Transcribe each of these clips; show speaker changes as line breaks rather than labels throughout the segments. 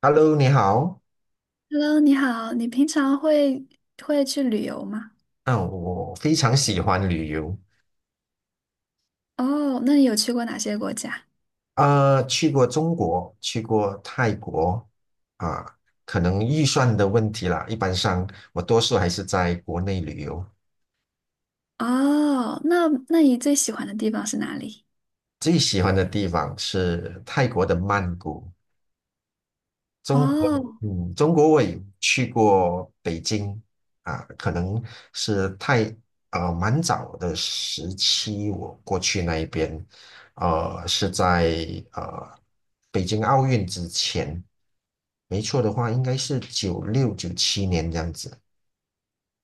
Hello，你好。
Hello，你好，你平常会去旅游吗？
嗯，我非常喜欢旅游。
哦，那你有去过哪些国家？
啊、去过中国，去过泰国，啊，可能预算的问题啦。一般上，我多数还是在国内旅游。
哦，那你最喜欢的地方是哪里？
最喜欢的地方是泰国的曼谷。
哦
中国我也去过北京啊，可能是太呃蛮早的时期，我过去那一边，是在呃北京奥运之前，没错的话，应该是96、97年这样子。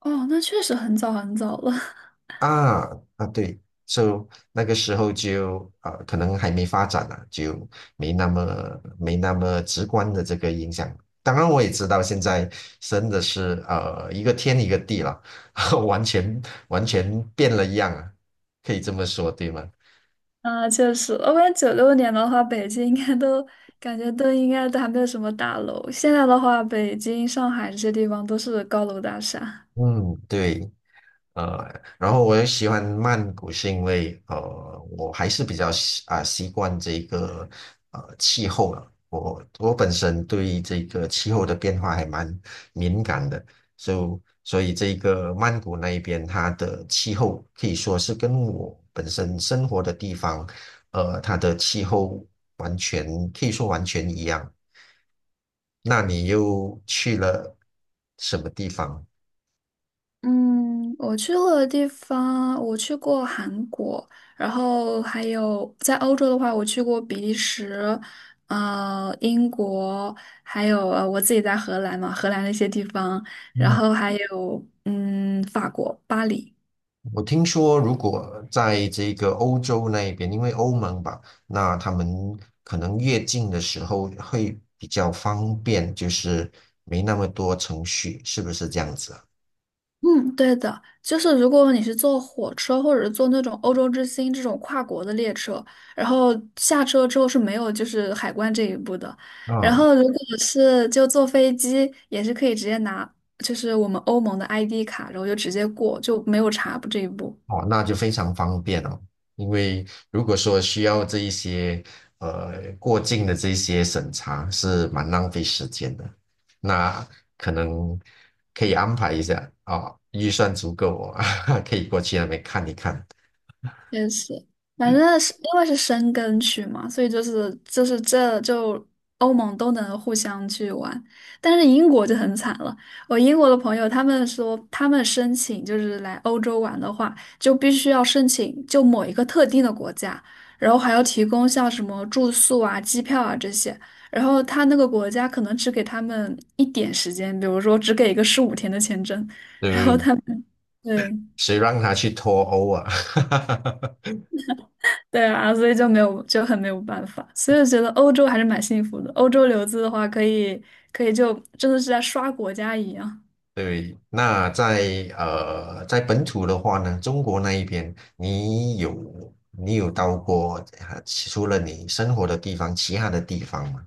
哦，那确实很早很早了。
啊啊，对，就那个时候就啊、可能还没发展啊，就没那么直观的这个影响。当然，我也知道现在真的是一个天一个地了，完全完全变了样啊，可以这么说，对吗？
啊，确实，我感觉96年的话，北京应该都感觉都应该都还没有什么大楼。现在的话，北京、上海这些地方都是高楼大厦。
嗯，对。呃，然后我也喜欢曼谷，是因为我还是比较习惯这个气候了。我本身对这个气候的变化还蛮敏感的，所以这个曼谷那一边它的气候可以说是跟我本身生活的地方，它的气候完全可以说完全一样。那你又去了什么地方？
嗯，我去过的地方，我去过韩国，然后还有在欧洲的话，我去过比利时，英国，还有我自己在荷兰嘛，荷兰的一些地方，然后还有法国巴黎。
我听说，如果在这个欧洲那边，因为欧盟吧，那他们可能越境的时候会比较方便，就是没那么多程序，是不是这样子啊？
嗯，对的，就是如果你是坐火车或者是坐那种欧洲之星这种跨国的列车，然后下车之后是没有就是海关这一步的。然
嗯，
后如果是就坐飞机，也是可以直接拿就是我们欧盟的 ID 卡，然后就直接过，就没有查这一步。
哦，那就非常方便哦。因为如果说需要这一些过境的这些审查，是蛮浪费时间的。那可能可以安排一下啊，哦预算足够哦，可以过去那边看一看。
确实，反正是因为是申根区嘛，所以就是这就欧盟都能互相去玩，但是英国就很惨了。我英国的朋友他们说，他们申请就是来欧洲玩的话，就必须要申请就某一个特定的国家，然后还要提供像什么住宿啊、机票啊这些，然后他那个国家可能只给他们一点时间，比如说只给一个15天的签证。
对不对？
对，
谁让他去脱欧啊？
对啊，所以就没有就很没有办法，所以我觉得欧洲还是蛮幸福的。欧洲留子的话，可以就真的是在刷国家一样。
对，那在在本土的话呢，中国那一边，你有到过除了你生活的地方，其他的地方吗？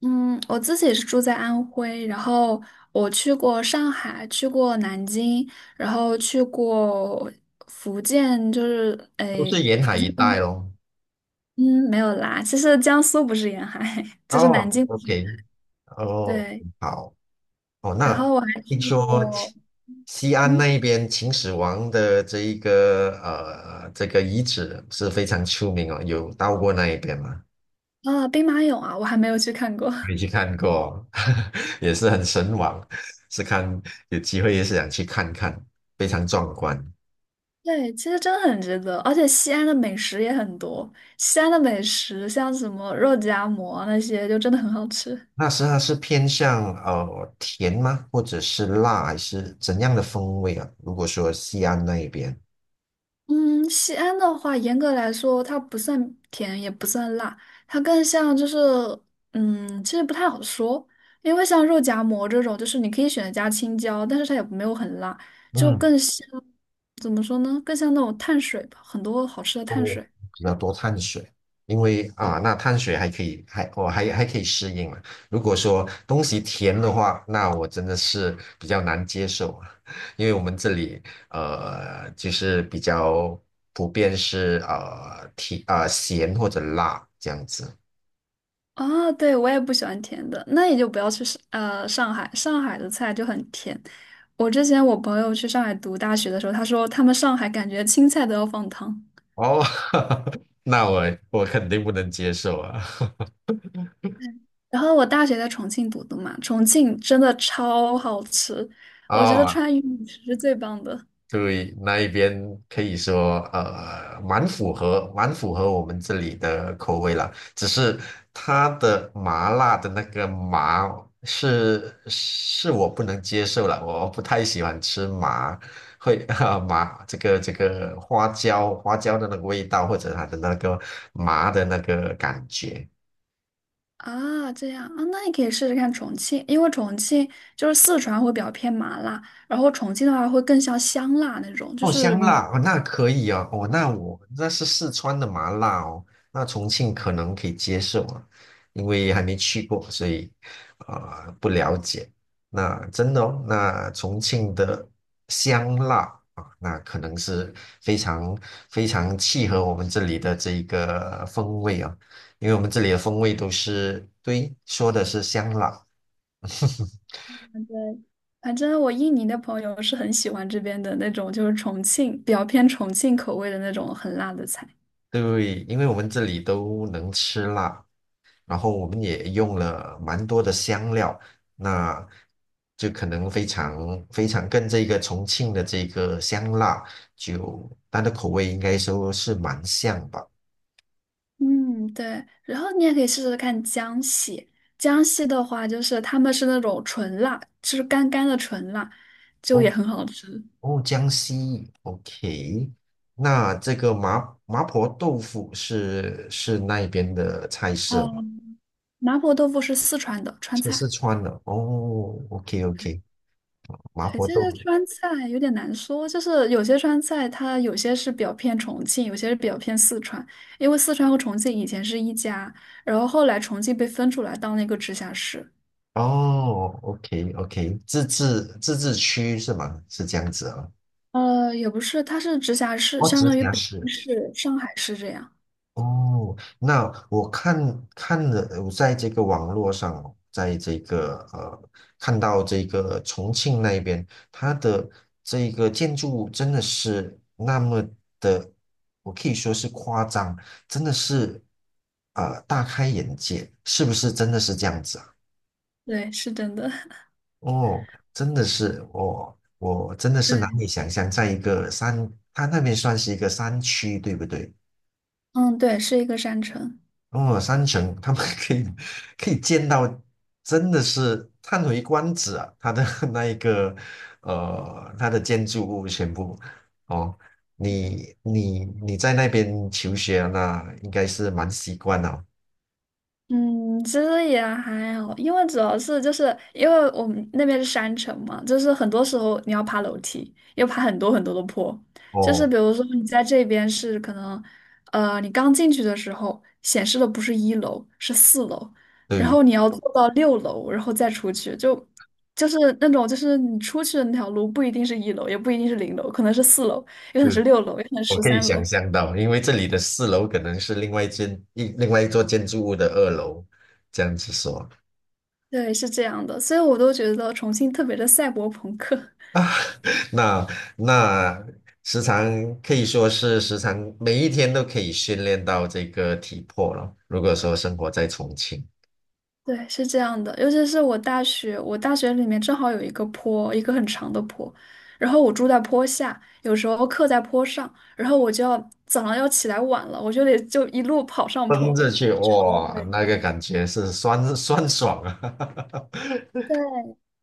嗯，我自己也是住在安徽，然后我去过上海，去过南京，然后去过福建，就是
都
诶，
是沿海
福建
一带咯。
嗯没有啦，其实江苏不是沿海，就是南
哦
京不是沿
，OK，哦，
海对，
好，哦，
然
那
后我还
听
去
说
过
西安
嗯
那一边秦始皇的这个遗址是非常出名哦，有到过那一边吗？
兵马俑啊，我还没有去看过。
没去看过，也是很神往，是看有机会也是想去看看，非常壮观。
对，其实真的很值得，而且西安的美食也很多。西安的美食像什么肉夹馍那些，就真的很好吃。
那它是偏向甜吗？或者是辣，还是怎样的风味啊？如果说西安那一边，
嗯，西安的话，严格来说，它不算甜，也不算辣，它更像就是，其实不太好说，因为像肉夹馍这种，就是你可以选择加青椒，但是它也没有很辣，就
嗯。
更像，怎么说呢？更像那种碳水吧，很多好吃的
哦，
碳水。
比较多碳水，因为啊，那碳水还可以，还我、还还可以适应嘛。如果说东西甜的话，那我真的是比较难接受，啊。因为我们这里就是比较普遍是甜啊、咸或者辣这样子。
啊，对，我也不喜欢甜的，那也就不要去上海，上海的菜就很甜。我之前我朋友去上海读大学的时候，他说他们上海感觉青菜都要放糖。
哦，那我肯定不能接受啊。
然后我大学在重庆读的嘛，重庆真的超好吃，我觉得
哦，
川渝美食是最棒的
对，那一边可以说，蛮符合，蛮符合我们这里的口味啦。只是它的麻辣的那个麻是我不能接受了，我不太喜欢吃麻，会 啊、麻这个花椒的那个味道，或者它的那个麻的那个感觉。
啊！这样啊，那你可以试试看重庆，因为重庆就是四川会比较偏麻辣，然后重庆的话会更像香辣那种，就
哦，
是
香
麻。
辣哦，那可以哦，哦，那我那是四川的麻辣哦，那重庆可能可以接受啊，因为还没去过，所以不了解。那真的哦，那重庆的香辣啊，那可能是非常非常契合我们这里的这一个风味啊，因为我们这里的风味都是，对，说的是香辣。
反正我印尼的朋友是很喜欢这边的那种，就是重庆比较偏重庆口味的那种很辣的菜。
对，因为我们这里都能吃辣，然后我们也用了蛮多的香料，那就可能非常非常跟这个重庆的这个香辣，就它的口味应该说是蛮像吧。
嗯，对。然后你也可以试试看江西，江西的话就是他们是那种纯辣，就是干干的纯辣，就也
哦
很好吃。
哦，江西，OK，那这个麻婆豆腐是那边的菜色吗？
哦，麻婆豆腐是四川的川
是
菜。
四川的哦，OK OK，麻
哎，
婆
这
豆
个
腐。
川菜有点难说，就是有些川菜它有些是表偏重庆，有些是表偏四川，因为四川和重庆以前是一家，然后后来重庆被分出来当了一个直辖市，
哦，OK OK，自治区是吗？是这样子啊、
也不是，它是直辖市，
哦，
相
直
当于
辖
北京
市。
市、上海市这样。
哦，那我看看了，我在这个网络上哦在这个看到这个重庆那边，它的这个建筑物真的是那么的，我可以说是夸张，真的是大开眼界，是不是真的是这样子啊？
对，是真的。
哦，真的是我真的是难
对，
以想象，在一个山，它那边算是一个山区，对不对？
嗯，对，是一个山城。
哦，山城，他们 可以见到，真的是叹为观止啊！它的 那一个，它的建筑物全部，哦，你在那边求学啊那应该是蛮习惯了。
嗯，其实也还好，因为主要是就是因为我们那边是山城嘛，就是很多时候你要爬楼梯，要爬很多很多的坡。就是
哦，
比如说你在这边是可能，你刚进去的时候显示的不是一楼，是四楼，然
对
后你要坐到六楼，然后再出去，就是那种就是你出去的那条路不一定是一楼，也不一定是零楼，可能是四楼，也可能是六楼，也可能是
我
十
可以
三
想
楼。
象到，因为这里的4楼可能是另外一间一另外一座建筑物的2楼，这样子说
对，是这样的，所以我都觉得重庆特别的赛博朋克。
啊，那那时常可以说是时常每一天都可以训练到这个体魄了。如果说生活在重庆，
对，是这样的，尤其是我大学里面正好有一个坡，一个很长的坡，然后我住在坡下，有时候课在坡上，然后我就要早上要起来晚了，我就得就一路跑上
蹬
坡。
着去哇，
累。
那个感觉是酸酸爽啊。
对，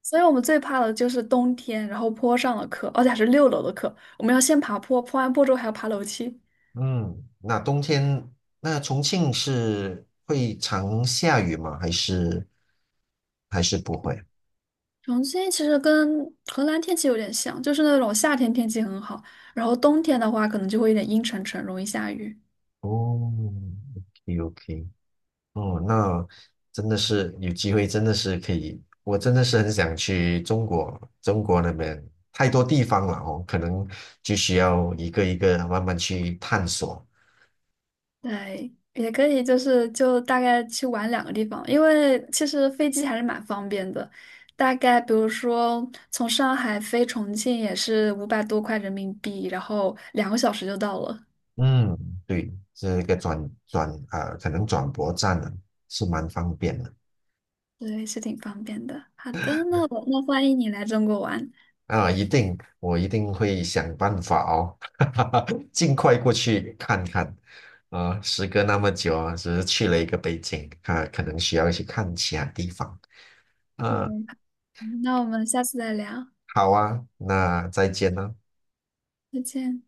所以我们最怕的就是冬天，然后坡上的课，而且还是六楼的课，我们要先爬坡，坡完坡之后还要爬楼梯。
嗯，那冬天那重庆是会常下雨吗？还是不会？
重庆其实跟河南天气有点像，就是那种夏天天气很好，然后冬天的话可能就会有点阴沉沉，容易下雨。
哦，OK OK，哦，那真的是有机会，真的是可以，我真的是很想去中国，中国那边太多地方了哦，可能就需要一个一个慢慢去探索。
对，也可以，就是就大概去玩两个地方，因为其实飞机还是蛮方便的，大概比如说从上海飞重庆也是500多块人民币，然后两个小时就到了，
嗯，对，这个转转啊、呃可能转播站呢是蛮方便的。
对，是挺方便的。好的，那我那欢迎你来中国玩，
啊，一定，我一定会想办法哦，尽快过去看看。啊，时隔那么久啊，只是去了一个北京，啊，可能需要去看其他地方。啊，
对，那我们下次再聊，
好啊，那再见了。
再见。